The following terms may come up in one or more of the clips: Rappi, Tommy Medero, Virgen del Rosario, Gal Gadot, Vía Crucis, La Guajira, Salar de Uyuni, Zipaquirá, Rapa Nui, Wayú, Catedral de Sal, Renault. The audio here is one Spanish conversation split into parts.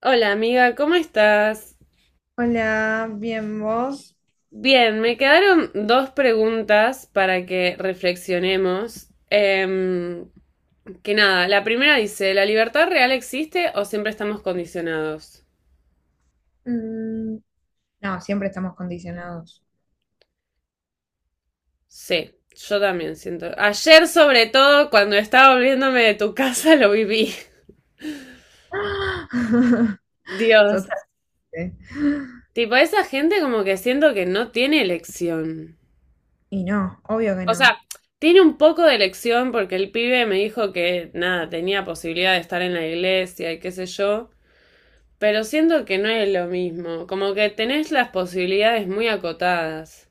Hola amiga, ¿cómo estás? Hola, bien vos. Bien, me quedaron dos preguntas para que reflexionemos. Que nada, la primera dice, ¿la libertad real existe o siempre estamos condicionados? Mm, no, siempre estamos condicionados. Sí, yo también siento. Ayer sobre todo, cuando estaba volviéndome de tu casa, lo viví. Dios. Totalmente. Tipo, esa gente como que siento que no tiene elección. Y no, obvio que O no. sea, tiene un poco de elección porque el pibe me dijo que nada, tenía posibilidad de estar en la iglesia y qué sé yo, pero siento que no es lo mismo, como que tenés las posibilidades muy acotadas.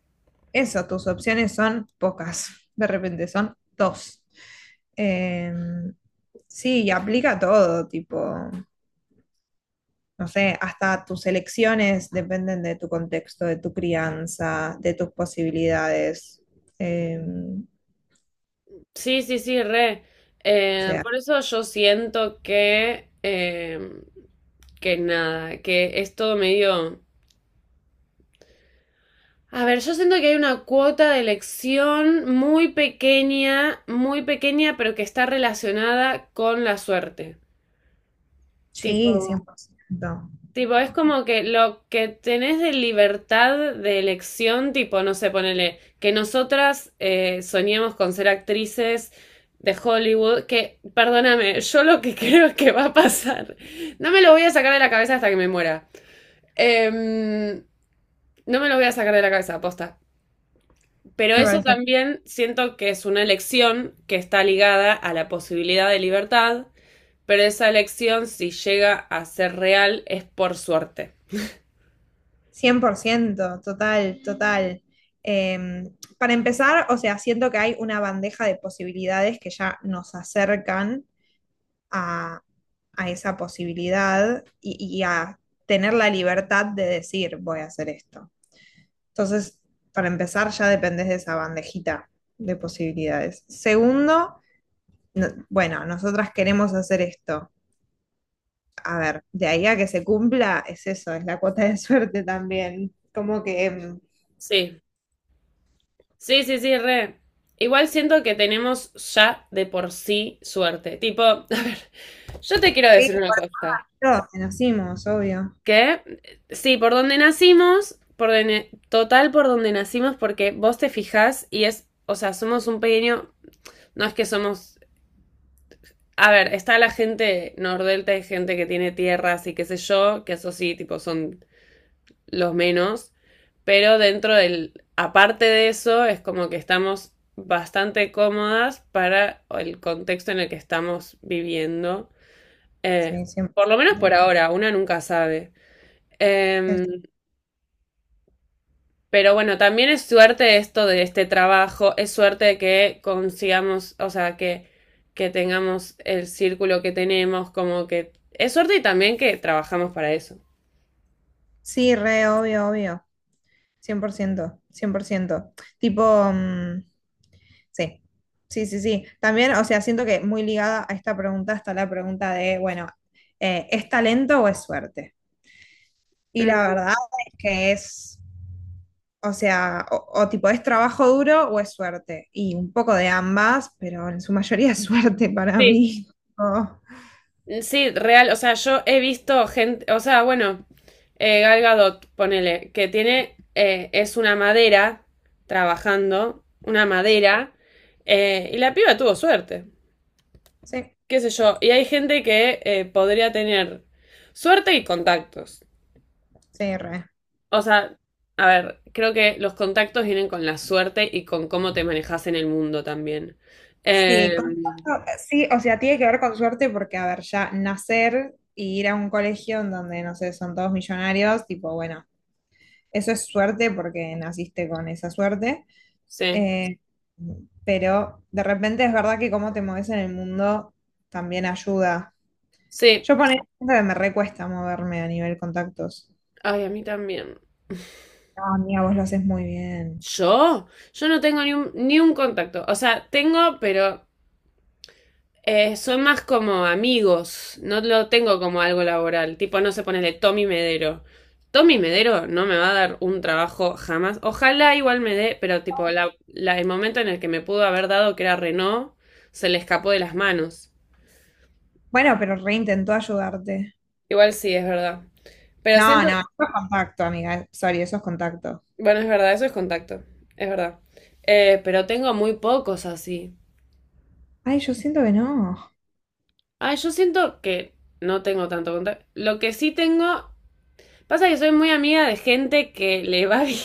Eso, tus opciones son pocas. De repente son dos. Eh, sí, y aplica todo, tipo, no sé, hasta tus elecciones dependen de tu contexto, de tu crianza, de tus posibilidades. Eh, Sí, sí, sí, re. o sea, Por eso yo siento que nada, que es todo medio. A ver, yo siento que hay una cuota de elección muy pequeña, pero que está relacionada con la suerte. Tipo. sí, 100%. Tipo, es como que lo que tenés de libertad de elección, tipo, no sé, ponele, que nosotras soñemos con ser actrices de Hollywood, que, perdóname, yo lo que creo es que va a pasar. No me lo voy a sacar de la cabeza hasta que me muera. Em, no me lo voy a sacar de la cabeza, aposta. Pero Me eso parece también siento que es una elección que está ligada a la posibilidad de libertad, pero esa elección, si llega a ser real, es por suerte. 100%, total, total. Para empezar, o sea, siento que hay una bandeja de posibilidades que ya nos acercan a, a esa posibilidad y a tener la libertad de decir, voy a hacer esto. Entonces, para empezar, ya dependés de esa bandejita de posibilidades. Segundo, bueno, nosotras queremos hacer esto. A ver, de ahí a que se cumpla, es eso, es la cuota de suerte también. Como que, Sí. Sí, sí, sí, re. Igual siento que tenemos ya de por sí suerte. Tipo, a ver, yo te quiero sí. decir una cosa. Todos conocimos, obvio. Que sí, por donde nacimos, total por donde nacimos, porque vos te fijás y es, o sea, somos un pequeño, no es que somos, a ver, está la gente nordelta, hay gente que tiene tierras y qué sé yo, que eso sí, tipo, son los menos, pero dentro del, aparte de eso, es como que estamos bastante cómodas para el contexto en el que estamos viviendo. Eh, Sí, por lo menos 100%. por ahora, una nunca sabe. Es- Eh, pero bueno, también es suerte esto de este trabajo, es suerte de que consigamos, o sea, que tengamos el círculo que tenemos, como que es suerte y también que trabajamos para eso. Sí, re, obvio, obvio. Cien por ciento, cien por ciento. Tipo, mm, sí, sí, sí, sí. También, o sea, siento que muy ligada a esta pregunta está la pregunta de, bueno, ¿es talento o es suerte? Y la Mm, verdad es que es, o sea, o tipo, ¿es trabajo duro o es suerte? Y un poco de ambas, pero en su mayoría es suerte para sí, mí. Oh, sí, real, o sea, yo he visto gente, o sea, bueno, Gal Gadot, ponele, que tiene, es una madera trabajando, una sí, madera, y la piba tuvo suerte, sí, qué sé yo, y hay gente que podría tener suerte y contactos. sí, re. O sea, a ver, creo que los contactos vienen con la suerte y con cómo te manejas en el mundo también. Sí, Eh, sí, o sea, tiene que ver con suerte porque, a ver, ya nacer y ir a un colegio en donde, no sé, son todos millonarios, tipo, bueno, eso es suerte porque naciste con esa suerte, sí, eh, pero de repente es verdad que cómo te mueves en el mundo también ayuda. sí, Yo ponía que me recuesta moverme a nivel contactos. ay, a mí también. No, amiga, vos lo haces muy bien. Yo, yo no tengo ni un contacto. O sea, tengo, pero son más como amigos. No lo tengo como algo laboral. Tipo, no se pone de Tommy Medero. Tommy Medero no me va a dar un trabajo jamás. Ojalá igual me dé, pero tipo, el momento en el que me pudo haber dado, que era Renault, se le escapó de las manos. Bueno, pero reintentó ayudarte. Igual sí, es verdad. Pero No, siento, no, eso es contacto, amiga, sorry, eso es contacto. bueno, es verdad, eso es contacto. Es verdad. Pero tengo muy pocos así. Ay, yo siento que no. Ah, yo siento que no tengo tanto contacto. Lo que sí tengo, pasa que soy muy amiga de gente que le va bien.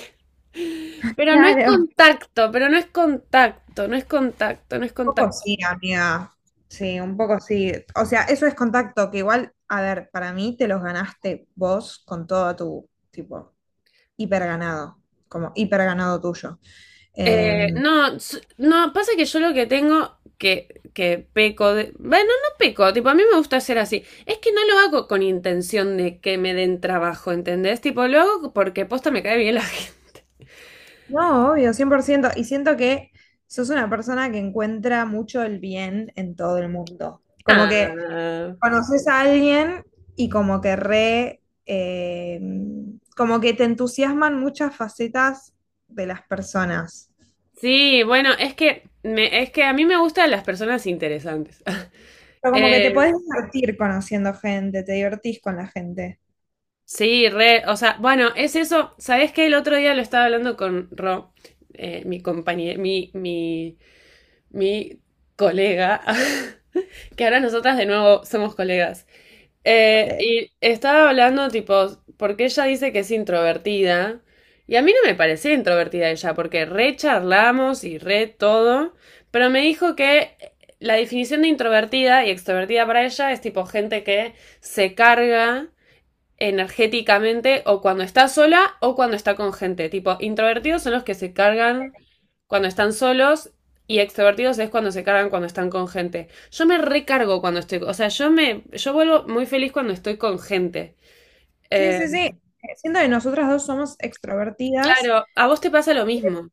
Pero no es Claro. contacto, pero no es contacto, no es contacto, no es Un poco contacto. sí, amiga. Sí, un poco sí. O sea, eso es contacto, que igual, a ver, para mí te los ganaste vos con todo tu, tipo, hiper ganado, como hiper ganado tuyo. Eh, No, no, pasa que yo lo que tengo que peco de. Bueno, no peco, tipo, a mí me gusta ser así. Es que no lo hago con intención de que me den trabajo, ¿entendés? Tipo, lo hago porque posta me cae bien la gente. no, obvio, 100%. Y siento que sos una persona que encuentra mucho el bien en todo el mundo. Como que Ah. conoces a alguien y como que re, como que te entusiasman muchas facetas de las personas. Sí, bueno, es que me, es que a mí me gustan las personas interesantes. Pero como que te Eh, podés divertir conociendo gente, te divertís con la gente. sí, re, o sea, bueno, es eso. ¿Sabés qué? El otro día lo estaba hablando con Ro, mi compañía, mi colega, que ahora nosotras de nuevo somos colegas. Le- Y estaba hablando, tipo, porque ella dice que es introvertida. Y a mí no me parecía introvertida ella, porque re charlamos y re todo. Pero me dijo que la definición de introvertida y extrovertida para ella es tipo gente que se carga energéticamente o cuando está sola o cuando está con gente. Tipo, introvertidos son los que se cargan cuando están solos y extrovertidos es cuando se cargan cuando están con gente. Yo me recargo cuando estoy, o sea, yo me, yo vuelvo muy feliz cuando estoy con gente. Sí, Eh, sí, sí. Siento que nosotras dos somos extrovertidas. claro, a vos te pasa lo mismo.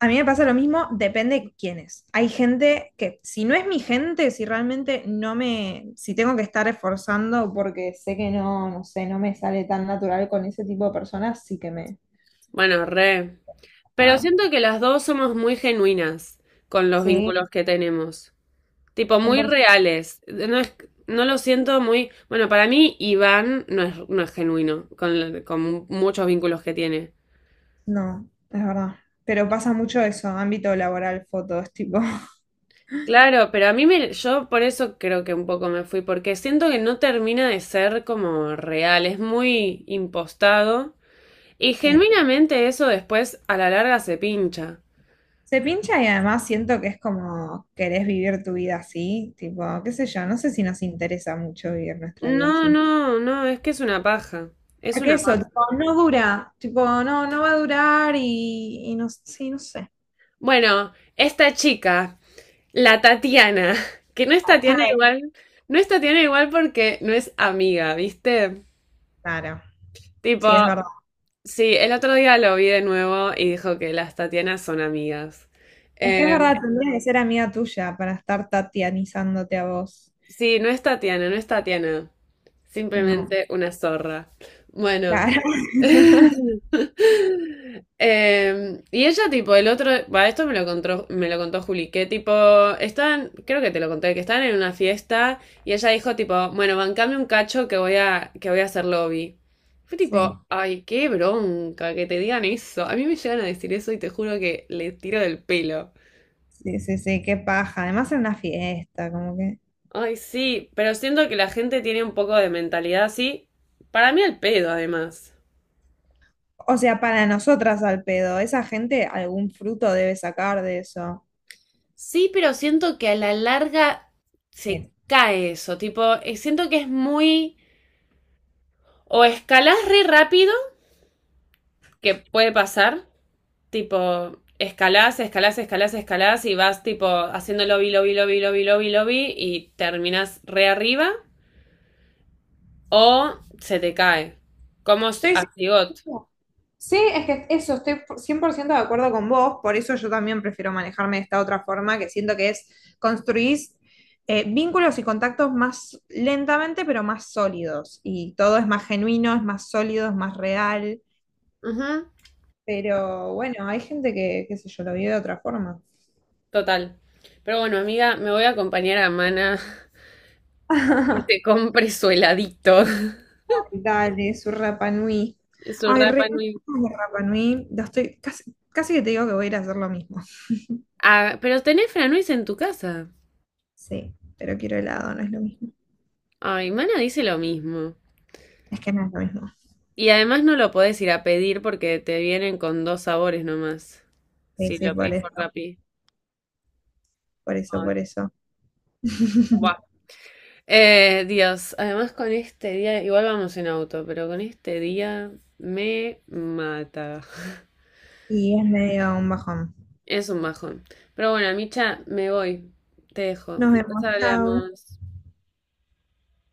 A mí me pasa lo mismo, depende quién es. Hay gente que, si no es mi gente, si realmente no me, si tengo que estar esforzando porque sé que no, no sé, no me sale tan natural con ese tipo de personas, sí que me... Bueno, re. Pero Ah, siento que las dos somos muy genuinas con los sí, vínculos que tenemos. Tipo, muy 100%. reales. No es, no lo siento muy. Bueno, para mí, Iván no es, no es genuino con muchos vínculos que tiene. No, es verdad. Pero pasa mucho eso, ámbito laboral, fotos, tipo. Claro, pero a mí me, yo por eso creo que un poco me fui, porque siento que no termina de ser como real, es muy impostado y Sí. genuinamente eso después a la larga se pincha. Se pincha y además siento que es como querés vivir tu vida así, tipo, qué sé yo, no sé si nos interesa mucho vivir nuestra vida No, así. no, no, es que es una paja, es Porque una eso, paja. tipo, no dura, tipo, no, no va a durar y no, sí, no sé. Bueno, esta chica, la Tatiana, que no es Tatiana ¿Sabes? igual, no es Tatiana igual porque no es amiga, ¿viste? Claro, Tipo, sí, es verdad. sí, el otro día lo vi de nuevo y dijo que las Tatianas son amigas. Es que es Em, verdad, tendría que ser amiga tuya para estar tatianizándote a vos. Sí, no es Tatiana, no es Tatiana. No, Simplemente una zorra. Bueno. claro. Y ella, tipo, el otro. Va, esto me lo contó Juli, que tipo, estaban, creo que te lo conté, que estaban en una fiesta y ella dijo, tipo, bueno, bancame un cacho que voy a hacer lobby. Fue tipo, Sí, ay, qué bronca que te digan eso. A mí me llegan a decir eso y te juro que le tiro del pelo. sí, sí, sí, qué paja. Además en una fiesta, como que. Ay, sí, pero siento que la gente tiene un poco de mentalidad así. Para mí al pedo, además. O sea, para nosotras al pedo, esa gente algún fruto debe sacar de eso. Sí, pero siento que a la larga se Sí. cae eso, tipo, siento que es muy. O escalás re rápido, que puede pasar, tipo, escalás, escalás, escalás, escalás y vas tipo haciendo lobby, lobby, lobby, lobby, lobby, lobby y terminás re arriba o se te cae, como Estoy a Sigot. 100%. Sí, es que eso, estoy 100% de acuerdo con vos, por eso yo también prefiero manejarme de esta otra forma, que siento que es construir vínculos y contactos más lentamente, pero más sólidos. Y todo es más genuino, es más sólido, es más real. Pero bueno, hay gente que, qué sé yo, lo vive de otra forma. Total. Pero bueno, amiga, me voy a acompañar a Mana a que se compre su heladito, Dale, su Rapa Nui. su Ay, Rapa re, Nui. de Rapa Nui. Ya estoy, casi, casi que te digo que voy a ir a hacer lo mismo. Ah, pero tenés Franuis en tu casa. Sí, pero quiero helado, no es lo mismo. Ay, Mana dice lo mismo. Es que no es lo mismo. Y además no lo podés ir a pedir porque te vienen con dos sabores nomás. Sí, Si sí, lo por pedís por eso, Rappi. por eso, por Ay, eso. buah. Dios, además con este día, igual vamos en auto, pero con este día me mata. Y es medio un bajón. Es un bajón. Pero bueno, Micha, me voy. Te dejo. Nos Después vemos, chao. hablamos.